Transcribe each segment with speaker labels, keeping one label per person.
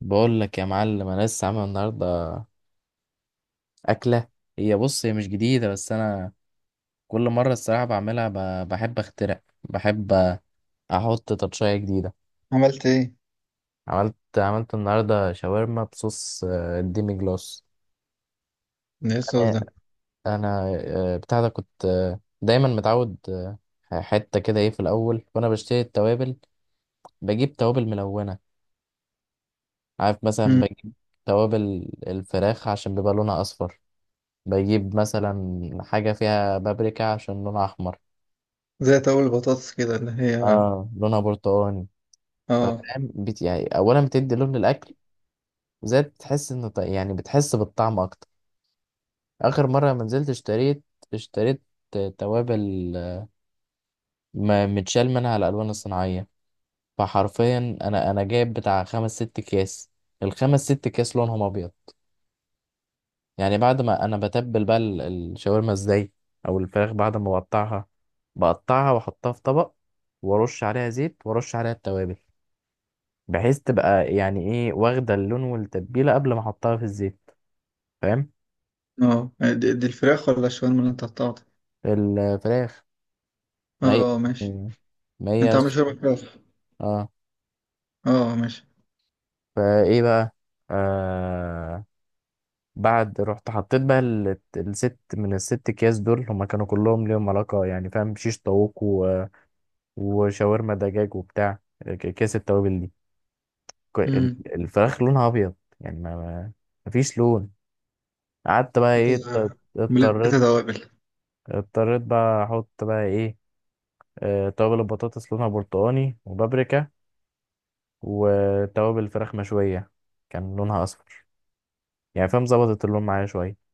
Speaker 1: بقول لك يا معلم، انا لسه عامل النهارده اكله. هي بص، هي مش جديده بس انا كل مره الصراحه بعملها بحب اخترع، بحب احط تاتشايه جديده.
Speaker 2: عملت ايه؟
Speaker 1: عملت النهارده شاورما بصوص الديمي جلاس.
Speaker 2: ده ايه الصوص
Speaker 1: انا
Speaker 2: ده؟
Speaker 1: انا آه، بتاع ده كنت دايما متعود، حته كده ايه في الاول وانا بشتري التوابل بجيب توابل ملونه. عارف، مثلا
Speaker 2: مم.
Speaker 1: بجيب توابل الفراخ عشان بيبقى لونها اصفر، بجيب مثلا حاجة فيها بابريكا عشان لونها أحمر.
Speaker 2: زي طاول البطاطس كده اللي هي.
Speaker 1: اه لونها برتقاني. فاهم.
Speaker 2: اه.
Speaker 1: يعني أولا بتدي لون للأكل، زائد بتحس إن يعني بتحس بالطعم أكتر. آخر مرة لما نزلت اشتريت توابل ما متشال منها الألوان الصناعية. فحرفيا أنا جايب بتاع خمس ست أكياس، الخمس ست أكياس لونهم أبيض. يعني بعد ما انا بتبل بقى الشاورما ازاي او الفراخ، بعد ما بقطعها بقطعها واحطها في طبق وارش عليها زيت وارش عليها التوابل، بحيث تبقى يعني ايه واخده اللون والتتبيله قبل ما احطها في الزيت. فاهم.
Speaker 2: اه دي الفراخ ولا الشاورما اللي انت قطعتها؟
Speaker 1: الفراخ. ما هي.
Speaker 2: اه، ماشي.
Speaker 1: يعني. ما
Speaker 2: انت
Speaker 1: هي.
Speaker 2: عامل شاورما فراخ.
Speaker 1: اه.
Speaker 2: اه، ماشي.
Speaker 1: فايه بقى، آه بعد رحت حطيت بقى الست من الست اكياس دول، هما كانوا كلهم ليهم علاقه يعني، فاهم؟ شيش طاووق وشاورما دجاج وبتاع. كيس التوابل دي، ك- ال-
Speaker 2: امم.
Speaker 1: الفراخ لونها ابيض يعني مفيش لون. قعدت بقى
Speaker 2: انت
Speaker 1: ايه،
Speaker 2: مليت
Speaker 1: اضطريت،
Speaker 2: توابل.
Speaker 1: اضطريت بقى احط بقى ايه، توابل البطاطس لونها برتقاني وبابريكا، وتوابل الفراخ مشوية كان لونها اصفر. يعني فاهم، ظبطت اللون معايا شوية.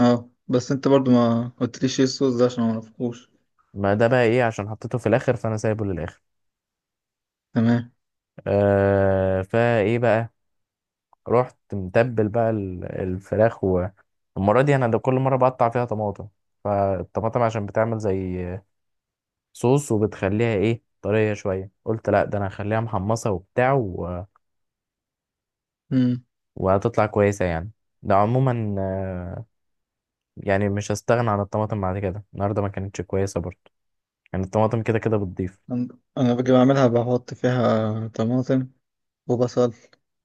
Speaker 2: اه، بس انت برضو ما قلتليش ايه الصوص ده عشان ما اعرفهوش.
Speaker 1: ما ده بقى ايه عشان حطيته في الاخر، فانا سايبه للاخر.
Speaker 2: تمام.
Speaker 1: آه فايه بقى، رحت متبل بقى الفراخ. والمرة دي انا ده كل مرة بقطع فيها طماطم، فالطماطم عشان بتعمل زي صوص وبتخليها ايه طرية شوية، قلت لا ده انا هخليها محمصة وبتاع و...
Speaker 2: امم.
Speaker 1: وهتطلع كويسة يعني. ده عموما يعني مش هستغنى عن الطماطم بعد كده. النهاردة ما كانتش كويسة برضه، يعني الطماطم كده كده بتضيف.
Speaker 2: انا باجي بعملها بحط فيها طماطم وبصل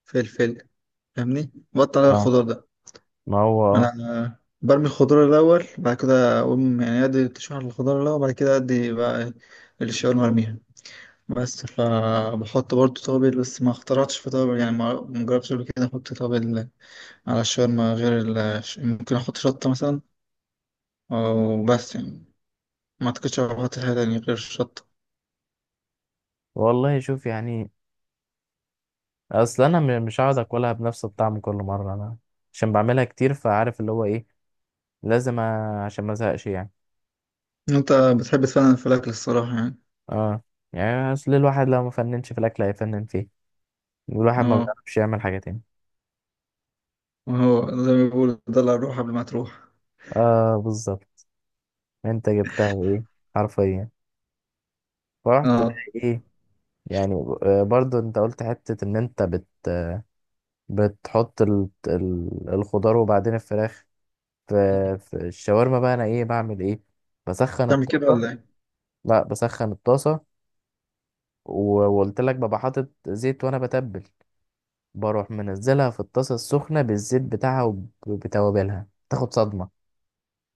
Speaker 2: فلفل، فاهمني؟ بقطع
Speaker 1: اه،
Speaker 2: الخضار ده.
Speaker 1: ما هو اه.
Speaker 2: انا برمي الخضار الاول، بعد كده اقوم يعني ادي تشويح الخضار الاول، بعد كده ادي بقى ايه الشاورما ارميها. بس فبحط برضو توابل، بس ما اخترعتش في توابل، يعني ما جربتش قبل كده احط توابل على الشاورما غير ال... ممكن احط شطه مثلا، او بس يعني ما اعتقدش احط حاجه تانية غير الشطه.
Speaker 1: والله شوف يعني، اصل انا مش هقعد اكلها بنفس الطعم كل مرة. انا عشان بعملها كتير، فعارف اللي هو ايه، لازم عشان ما ازهقش يعني.
Speaker 2: انت بتحب تفنن في الاكل الصراحه يعني.
Speaker 1: اه، يعني اصل الواحد لو ما فننش في الاكل هيفنن فيه، والواحد ما
Speaker 2: اه.
Speaker 1: بيعرفش يعمل حاجه تاني.
Speaker 2: وهو زي ما بيقولوا، دلع الروح قبل ما تروح.
Speaker 1: اه بالظبط. انت جبتها ايه حرفيا. فرحت بقى
Speaker 2: اه.
Speaker 1: ايه يعني، برضو انت قلت حته ان انت بتحط الخضار وبعدين الفراخ في...
Speaker 2: مم.
Speaker 1: في الشاورما بقى انا ايه، بعمل ايه، بسخن
Speaker 2: تعمل كده
Speaker 1: الطاسه.
Speaker 2: ولا ايه؟
Speaker 1: لا بسخن الطاسه وقلت لك ببقى حاطط زيت وانا بتبل، بروح منزلها في الطاسه السخنه بالزيت بتاعها وبتوابلها تاخد صدمه.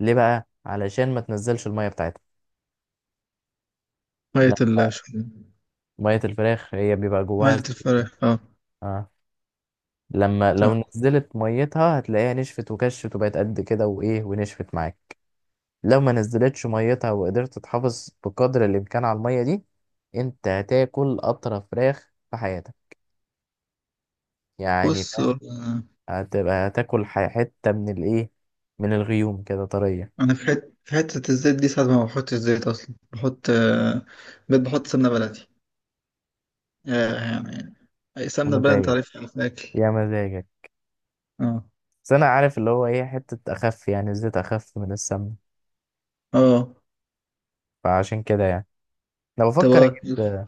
Speaker 1: ليه بقى؟ علشان ما تنزلش الميه بتاعتها.
Speaker 2: مية
Speaker 1: لا،
Speaker 2: الشاورما.
Speaker 1: ميه الفراخ هي بيبقى جواها
Speaker 2: مية
Speaker 1: زي.
Speaker 2: الفراخ، اه.
Speaker 1: اه، لما لو نزلت ميتها هتلاقيها نشفت وكشت وبقت قد كده وايه، ونشفت معاك. لو ما نزلتش ميتها وقدرت تحافظ بقدر الامكان على الميه دي، انت هتاكل اطرى فراخ في حياتك. يعني
Speaker 2: بص هو،
Speaker 1: فاهم، هتبقى هتاكل حته من الايه، من الغيوم كده طريه.
Speaker 2: انا في حته، في حته الزيت دي ساعات ما بحطش زيت اصلا، بحط بقيت بحط سمنه بلدي. آه، يعني اي
Speaker 1: يا
Speaker 2: سمنه بلدي انت
Speaker 1: مزاجك،
Speaker 2: عارفها في الاكل.
Speaker 1: يا مزاجك.
Speaker 2: اه.
Speaker 1: بس انا عارف اللي هو ايه حته اخف يعني، الزيت اخف من السمنه.
Speaker 2: اه.
Speaker 1: فعشان كده يعني انا بفكر
Speaker 2: تبقى.
Speaker 1: اجيب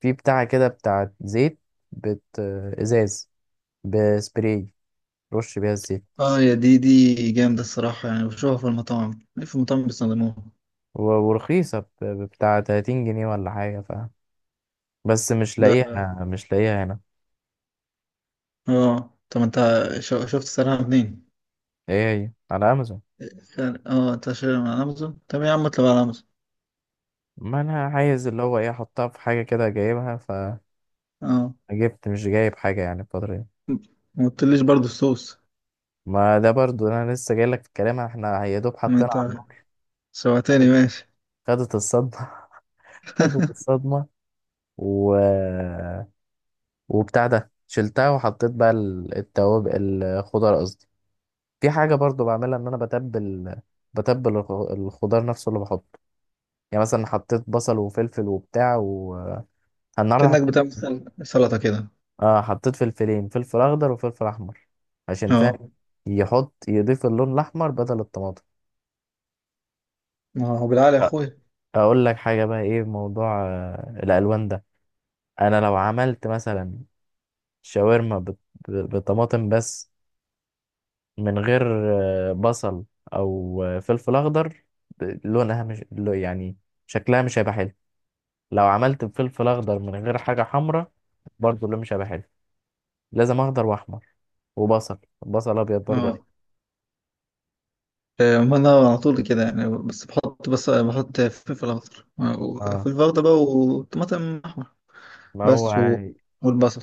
Speaker 1: في بتاعة كده، بتاعة زيت، بت ازاز بسبراي رش بيها الزيت.
Speaker 2: اه. يا دي دي جامده الصراحه، يعني بشوفها في المطاعم، في المطاعم بيستخدموها.
Speaker 1: ورخيصة بتاع 30 جنيه ولا حاجة، ف بس مش
Speaker 2: ده.
Speaker 1: لاقيها، مش لاقيها هنا.
Speaker 2: اه طب انت شفت سعرها منين؟
Speaker 1: ايه، هي على امازون.
Speaker 2: اه انت شاريها من امازون، طب يا عم اطلب على امازون.
Speaker 1: ما انا عايز اللي هو ايه احطها في حاجة كده جايبها،
Speaker 2: اه.
Speaker 1: فجبت مش جايب حاجة يعني الفترة دي.
Speaker 2: ما قلتليش برضو الصوص.
Speaker 1: ما ده برضو انا لسه جاي لك في الكلام، احنا يا دوب
Speaker 2: ما
Speaker 1: حطينا على
Speaker 2: انت
Speaker 1: النار.
Speaker 2: سوعتني،
Speaker 1: خدت
Speaker 2: ماشي.
Speaker 1: خدت الصدمة. خدت الصدمة. و وبتاع ده شلتها وحطيت بقى التوابل، الخضار قصدي. في حاجة برضو بعملها، ان انا بتبل، بتبل الخضار نفسه اللي بحطه، يعني مثلا حطيت بصل وفلفل وبتاع و النهارده
Speaker 2: كأنك
Speaker 1: حطيت،
Speaker 2: بتعمل سلطه كده.
Speaker 1: اه حطيت فلفلين، فلفل اخضر وفلفل احمر، عشان
Speaker 2: اه.
Speaker 1: فاهم يحط يضيف اللون الاحمر بدل الطماطم.
Speaker 2: اه هو بالعقل يا
Speaker 1: أ-
Speaker 2: اخويا.
Speaker 1: اقول لك حاجة بقى ايه، موضوع الالوان ده، انا لو عملت مثلا شاورما بطماطم بس، من غير بصل او فلفل اخضر، لونها مش لو- يعني شكلها مش هيبقى حلو. لو عملت بفلفل اخضر من غير حاجه حمراء برضه اللون مش هيبقى حلو. لازم اخضر واحمر وبصل، بصل ابيض برضه أيوة.
Speaker 2: اه. ما انا على طول كده يعني، بس بحط، بس بحط فلفل اخضر،
Speaker 1: اه
Speaker 2: فلفل اخضر بقى وطماطم احمر
Speaker 1: ما هو
Speaker 2: بس و...
Speaker 1: يعني
Speaker 2: والبصل.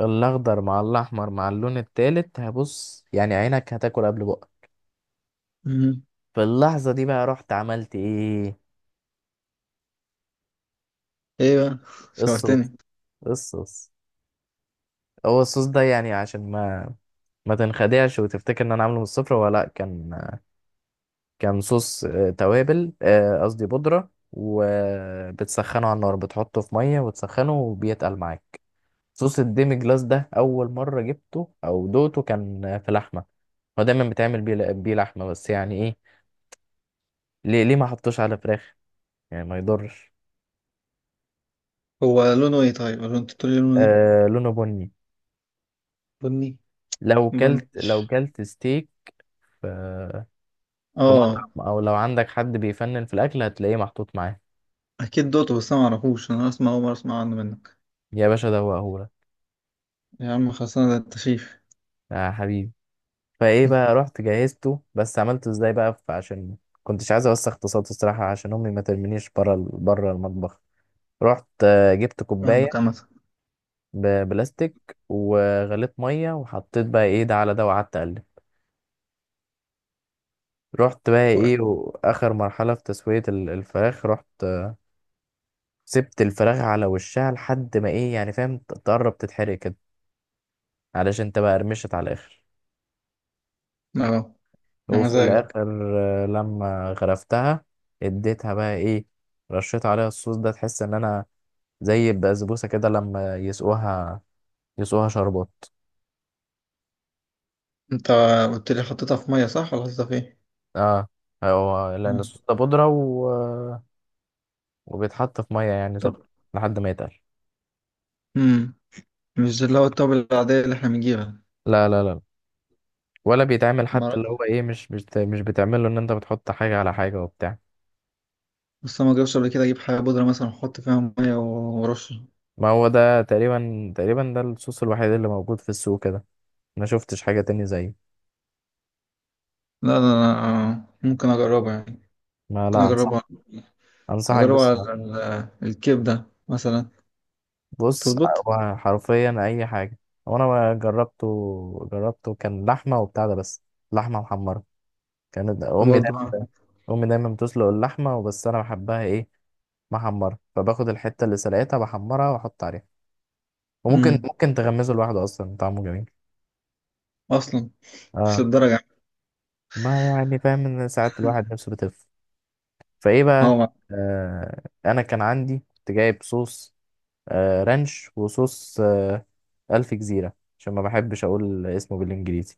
Speaker 1: الاخضر مع الاحمر مع اللون التالت، هبص يعني عينك هتاكل قبل بقك.
Speaker 2: مم.
Speaker 1: في اللحظه دي بقى رحت عملت ايه،
Speaker 2: ايه بقى؟
Speaker 1: الصوص،
Speaker 2: شوقتني.
Speaker 1: الصوص. هو الصوص ده يعني عشان ما تنخدعش وتفتكر ان انا عامله من الصفر، ولا لا، كان كان صوص توابل قصدي بودرة، وبتسخنه على النار، بتحطه في مية وتسخنه وبيتقل معاك. صوص الديمي جلاس ده أول مرة جبته أو دوقته كان في لحمة، هو دايما بيتعمل بيه بيه لحمة بس. يعني إيه، ليه ما حطوش على فراخ، يعني ما يضرش.
Speaker 2: هو لونه ايه طيب، ولا انت تقول لي لونه ايه؟
Speaker 1: آه لونه بني.
Speaker 2: بني.
Speaker 1: لو
Speaker 2: بني.
Speaker 1: كلت لو كلت ستيك في في
Speaker 2: اه
Speaker 1: مطعم، أو لو عندك حد بيفنن في الأكل هتلاقيه محطوط معاه.
Speaker 2: اكيد دوته، بس انا معرفوش، انا اسمع اول مره اسمع عنه منك.
Speaker 1: يا باشا ده هو هو.
Speaker 2: يا عم خلصنا، ده التشيف.
Speaker 1: يا حبيبي. فايه بقى، رحت جهزته. بس عملته ازاي بقى، عشان كنتش عايز اوسخ، اقتصادي الصراحه، عشان امي ما ترمينيش بره بره المطبخ. رحت جبت
Speaker 2: فاهمك
Speaker 1: كوبايه
Speaker 2: عامة.
Speaker 1: ببلاستيك وغليت ميه وحطيت بقى ايه ده على ده وقعدت اقلب. رحت بقى
Speaker 2: و-
Speaker 1: ايه، واخر مرحله في تسويه الفراخ، رحت سبت الفراخ على وشها لحد ما ايه يعني فاهم، تقرب تتحرق كده، علشان تبقى قرمشت على الاخر.
Speaker 2: اه. يا
Speaker 1: وفي
Speaker 2: مزاجك.
Speaker 1: الاخر لما غرفتها، اديتها بقى ايه، رشيت عليها الصوص ده، تحس ان انا زي البسبوسه كده لما يسقوها، يسقوها شربات.
Speaker 2: انت قلت لي حطيتها في ميه صح، ولا حطيتها في ايه؟
Speaker 1: اه هو لان الصوص
Speaker 2: اه.
Speaker 1: ده بودره و... وبيتحط في ميه يعني سخنه،
Speaker 2: طب.
Speaker 1: لحد ما يتقل.
Speaker 2: مم. مش اللي هو التوابل العادية اللي احنا بنجيبها؟
Speaker 1: لا لا لا. ولا بيتعمل
Speaker 2: ما
Speaker 1: حتى اللي هو ايه، مش بتعمل له ان انت بتحط حاجه على حاجه وبتاع.
Speaker 2: بس أنا ما جربش قبل كده اجيب حاجة بودرة مثلا احط فيها مية ورش. لا
Speaker 1: ما هو ده تقريبا ده الصوص الوحيد اللي موجود في السوق كده، ما شفتش حاجه تاني زيه.
Speaker 2: لا لا. ممكن اجربها يعني.
Speaker 1: ما
Speaker 2: ممكن
Speaker 1: لا انصح،
Speaker 2: اجربها،
Speaker 1: انصحك
Speaker 2: اجربها
Speaker 1: بس.
Speaker 2: على ال- الكبدة مثلا.
Speaker 1: بص،
Speaker 2: تظبط.
Speaker 1: هو حرفيا اي حاجه. وانا جربته كان لحمه وبتاع ده بس، لحمه محمره. كانت امي
Speaker 2: برضه.
Speaker 1: دايما امي دايما بتسلق اللحمه، وبس انا بحبها ايه، محمره، فباخد الحته اللي سلقتها بحمرها واحط عليها. وممكن
Speaker 2: امم.
Speaker 1: ممكن تغمزه لوحده اصلا طعمه جميل.
Speaker 2: اصلا. مش
Speaker 1: اه،
Speaker 2: للدرجة يعني.
Speaker 1: ما يعني فاهم ان ساعات الواحد نفسه فايه
Speaker 2: هو
Speaker 1: بقى
Speaker 2: مع.
Speaker 1: آه. انا كان عندي كنت جايب صوص آه، رانش، وصوص آه، الف جزيره، عشان ما بحبش اقول اسمه بالانجليزي.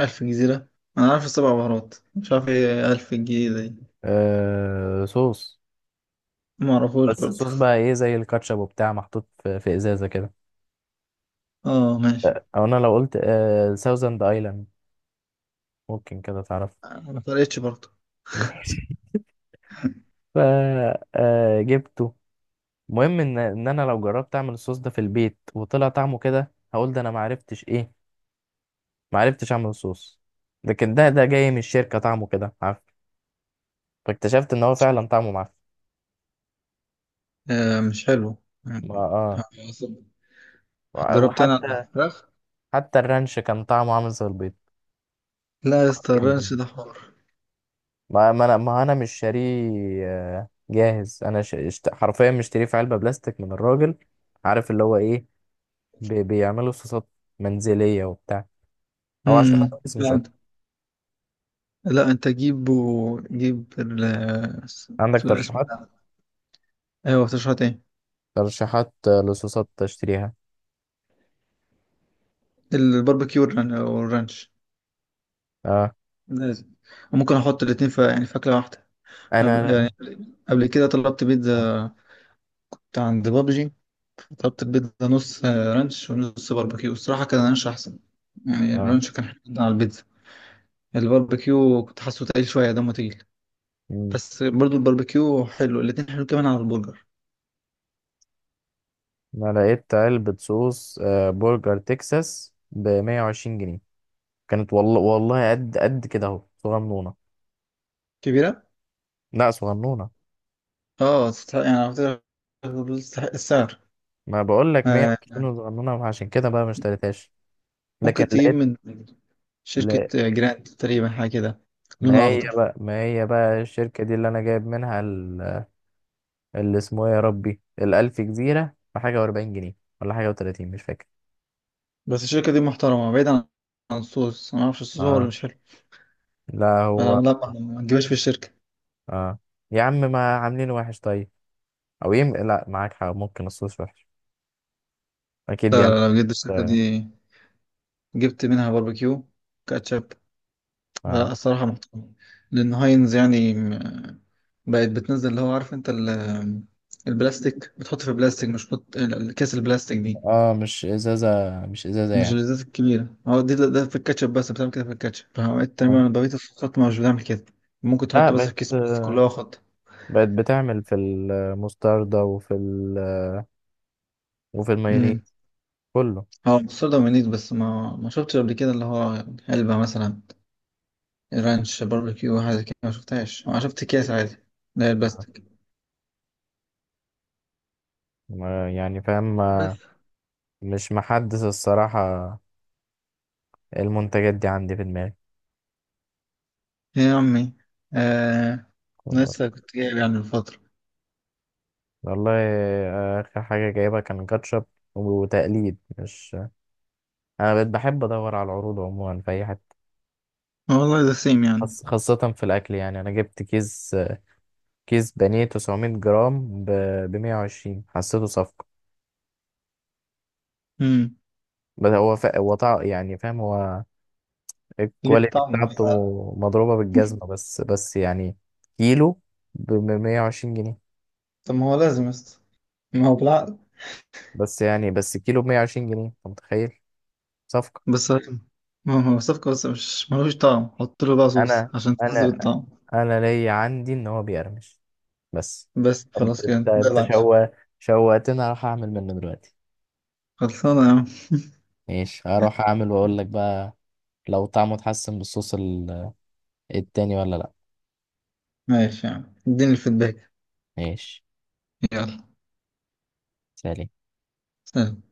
Speaker 2: ألف جزيرة. انا عارف السبع بهارات، مش عارف ايه ألف جزيرة دي.
Speaker 1: آه صوص.
Speaker 2: ما اعرفوش
Speaker 1: بس
Speaker 2: برضه.
Speaker 1: الصوص بقى ايه زي الكاتشب وبتاع، محطوط في ازازه كده.
Speaker 2: اه ماشي.
Speaker 1: لا، او انا لو قلت آه ساوزند ايلاند، ممكن كده تعرف.
Speaker 2: ما فرقتش برضه.
Speaker 1: ماشي. ف آه جبته. المهم ان انا لو جربت اعمل الصوص ده في البيت وطلع طعمه كده هقول ده انا معرفتش ايه، معرفتش اعمل الصوص. لكن ده جاي من الشركه طعمه كده عارف. فاكتشفت ان هو فعلا طعمه معفن.
Speaker 2: آه مش حلو. آه،
Speaker 1: اه.
Speaker 2: جربت انا
Speaker 1: وحتى
Speaker 2: الفراخ.
Speaker 1: حتى الرانش كان طعمه عامل زي
Speaker 2: لا يا اسطى الرانش
Speaker 1: البيض.
Speaker 2: ده حوار.
Speaker 1: ما ما انا ما انا مش شاريه جاهز. انا حرفيا مشتريه في علبه بلاستيك من الراجل. عارف اللي هو ايه، بيعملوا صوصات منزليه وبتاع. او عشان،
Speaker 2: امم.
Speaker 1: بس مش
Speaker 2: لا
Speaker 1: اكتر.
Speaker 2: انت. لا انت جيبه، جيب وجيب ال اس-
Speaker 1: عندك
Speaker 2: اسمه
Speaker 1: ترشيحات،
Speaker 2: ده. ايوه تشرحت ايه؟
Speaker 1: ترشيحات لصوصات تشتريها.
Speaker 2: الباربيكيو والرانش.
Speaker 1: اه.
Speaker 2: لازم. ممكن احط الاتنين في يعني فاكهه واحده. يعني
Speaker 1: انا.
Speaker 2: قبل كده طلبت
Speaker 1: اه,
Speaker 2: بيتزا بتاع عند بابجي، طلبت البيتزا نص رانش ونص باربيكيو، الصراحه كان رانش احسن. يعني
Speaker 1: آه.
Speaker 2: الرانش كان حلو جدا على البيتزا. الباربيكيو كنت حاسه تقيل شويه، دمه تقيل.
Speaker 1: مم.
Speaker 2: بس برضو الباربيكيو حلو، الاتنين حلو كمان على البرجر.
Speaker 1: انا لقيت علبه صوص آه برجر تكساس ب 120 جنيه، كانت والله والله قد قد كده اهو صغنونه.
Speaker 2: كبيره.
Speaker 1: لا صغنونه.
Speaker 2: اه يعني على فكرة تستحق السعر.
Speaker 1: ما بقول لك
Speaker 2: آه،
Speaker 1: 120 صغنونه، عشان كده بقى ما اشتريتهاش. لكن
Speaker 2: ممكن تجيب
Speaker 1: لقيت،
Speaker 2: من
Speaker 1: لا.
Speaker 2: شركة جراند تقريبا حاجة كده،
Speaker 1: ما
Speaker 2: لونه
Speaker 1: هي
Speaker 2: أخضر.
Speaker 1: بقى، ما هي بقى الشركة دي اللي أنا جايب منها اللي اسمه إيه يا ربي، الألف جزيرة بحاجة وأربعين جنيه، ولا حاجة وتلاتين مش فاكر.
Speaker 2: بس الشركة دي محترمة، بعيدا عن عن الصوص. أنا معرفش الصوص هو اللي
Speaker 1: اه.
Speaker 2: مش حلو.
Speaker 1: لا
Speaker 2: فلا
Speaker 1: هو.
Speaker 2: ما تجيبهاش في الشركة.
Speaker 1: اه يا عم ما عاملين وحش طيب، أو يم لا معاك حق ممكن الصوص وحش، أكيد بيعمل.
Speaker 2: لا لو جبت الشركة
Speaker 1: اه.
Speaker 2: دي، جبت منها باربيكيو، كاتشب،
Speaker 1: اه.
Speaker 2: لا الصراحة محترمة. لأن هاينز يعني م- بقت بتنزل، اللي هو عارف أنت ال- البلاستيك، بتحط في بلاستيك، مش بتحط ال- الكيس البلاستيك دي.
Speaker 1: مش إزازة، مش إزازة
Speaker 2: مش
Speaker 1: يعني.
Speaker 2: الازازة الكبيرة، هو دي ده في الكاتشب بس بتعمل كده، في الكاتشب فعملت
Speaker 1: اه.
Speaker 2: تماما، بقية الصوصات مش بتعمل كده. ممكن
Speaker 1: لا
Speaker 2: تحط بس في
Speaker 1: بقت،
Speaker 2: كيس، بس كلها خط.
Speaker 1: بقت بتعمل في المستردة وفي ال... وفي
Speaker 2: امم.
Speaker 1: المايونيز، كله.
Speaker 2: هو مستورد ومنيت، بس ما شفتش قبل كده اللي هو علبة مثلا رانش باربيكيو حاجة كده، ما شفتهاش. أنا شفت أكياس عادي اللي هي
Speaker 1: آه.
Speaker 2: البلاستيك.
Speaker 1: يعني فاهم
Speaker 2: بس.
Speaker 1: مش محدث الصراحة المنتجات دي عندي في دماغي.
Speaker 2: يا عمي. آه. لسه كنت جايب يعني من فترة.
Speaker 1: والله آخر حاجة جايبها كان كاتشب وتقليد مش. أنا بقيت بحب أدور على العروض عموما في أي حتة،
Speaker 2: آه والله ده سيم يعني.
Speaker 1: خاصة في الأكل. يعني أنا جبت كيس، كيس بانيه 900 جرام ب 120، حسيته صفقة.
Speaker 2: امم.
Speaker 1: بس هو يعني فاهم، هو
Speaker 2: ليه
Speaker 1: الكواليتي
Speaker 2: الطعم،
Speaker 1: بتاعته
Speaker 2: بالعقل.
Speaker 1: مضروبة بالجزمة. بس بس يعني، كيلو ب 120 جنيه،
Speaker 2: طب ما هو لازم يسطا، ما هو بالعقل.
Speaker 1: بس يعني كيلو ب 120 جنيه أنت متخيل، صفقة.
Speaker 2: بس ما هو صفقة، بس مش ملوش طعم، حط له بقى صوص
Speaker 1: أنا
Speaker 2: عشان تنزل
Speaker 1: انا
Speaker 2: الطعم.
Speaker 1: انا ليا عندي ان هو بيقرمش بس.
Speaker 2: بس
Speaker 1: انت
Speaker 2: خلاص
Speaker 1: انت
Speaker 2: كده ده
Speaker 1: انت
Speaker 2: العشاء.
Speaker 1: شوقتني اروح اعمل منه دلوقتي.
Speaker 2: خلصانة يا عم.
Speaker 1: ماشي هروح اعمل واقول لك بقى، لو طعمه اتحسن بالصوص التاني ولا لا.
Speaker 2: ماشي يا عم، اديني الفيدباك.
Speaker 1: ماشي.
Speaker 2: يلا.
Speaker 1: سلام.
Speaker 2: سلام.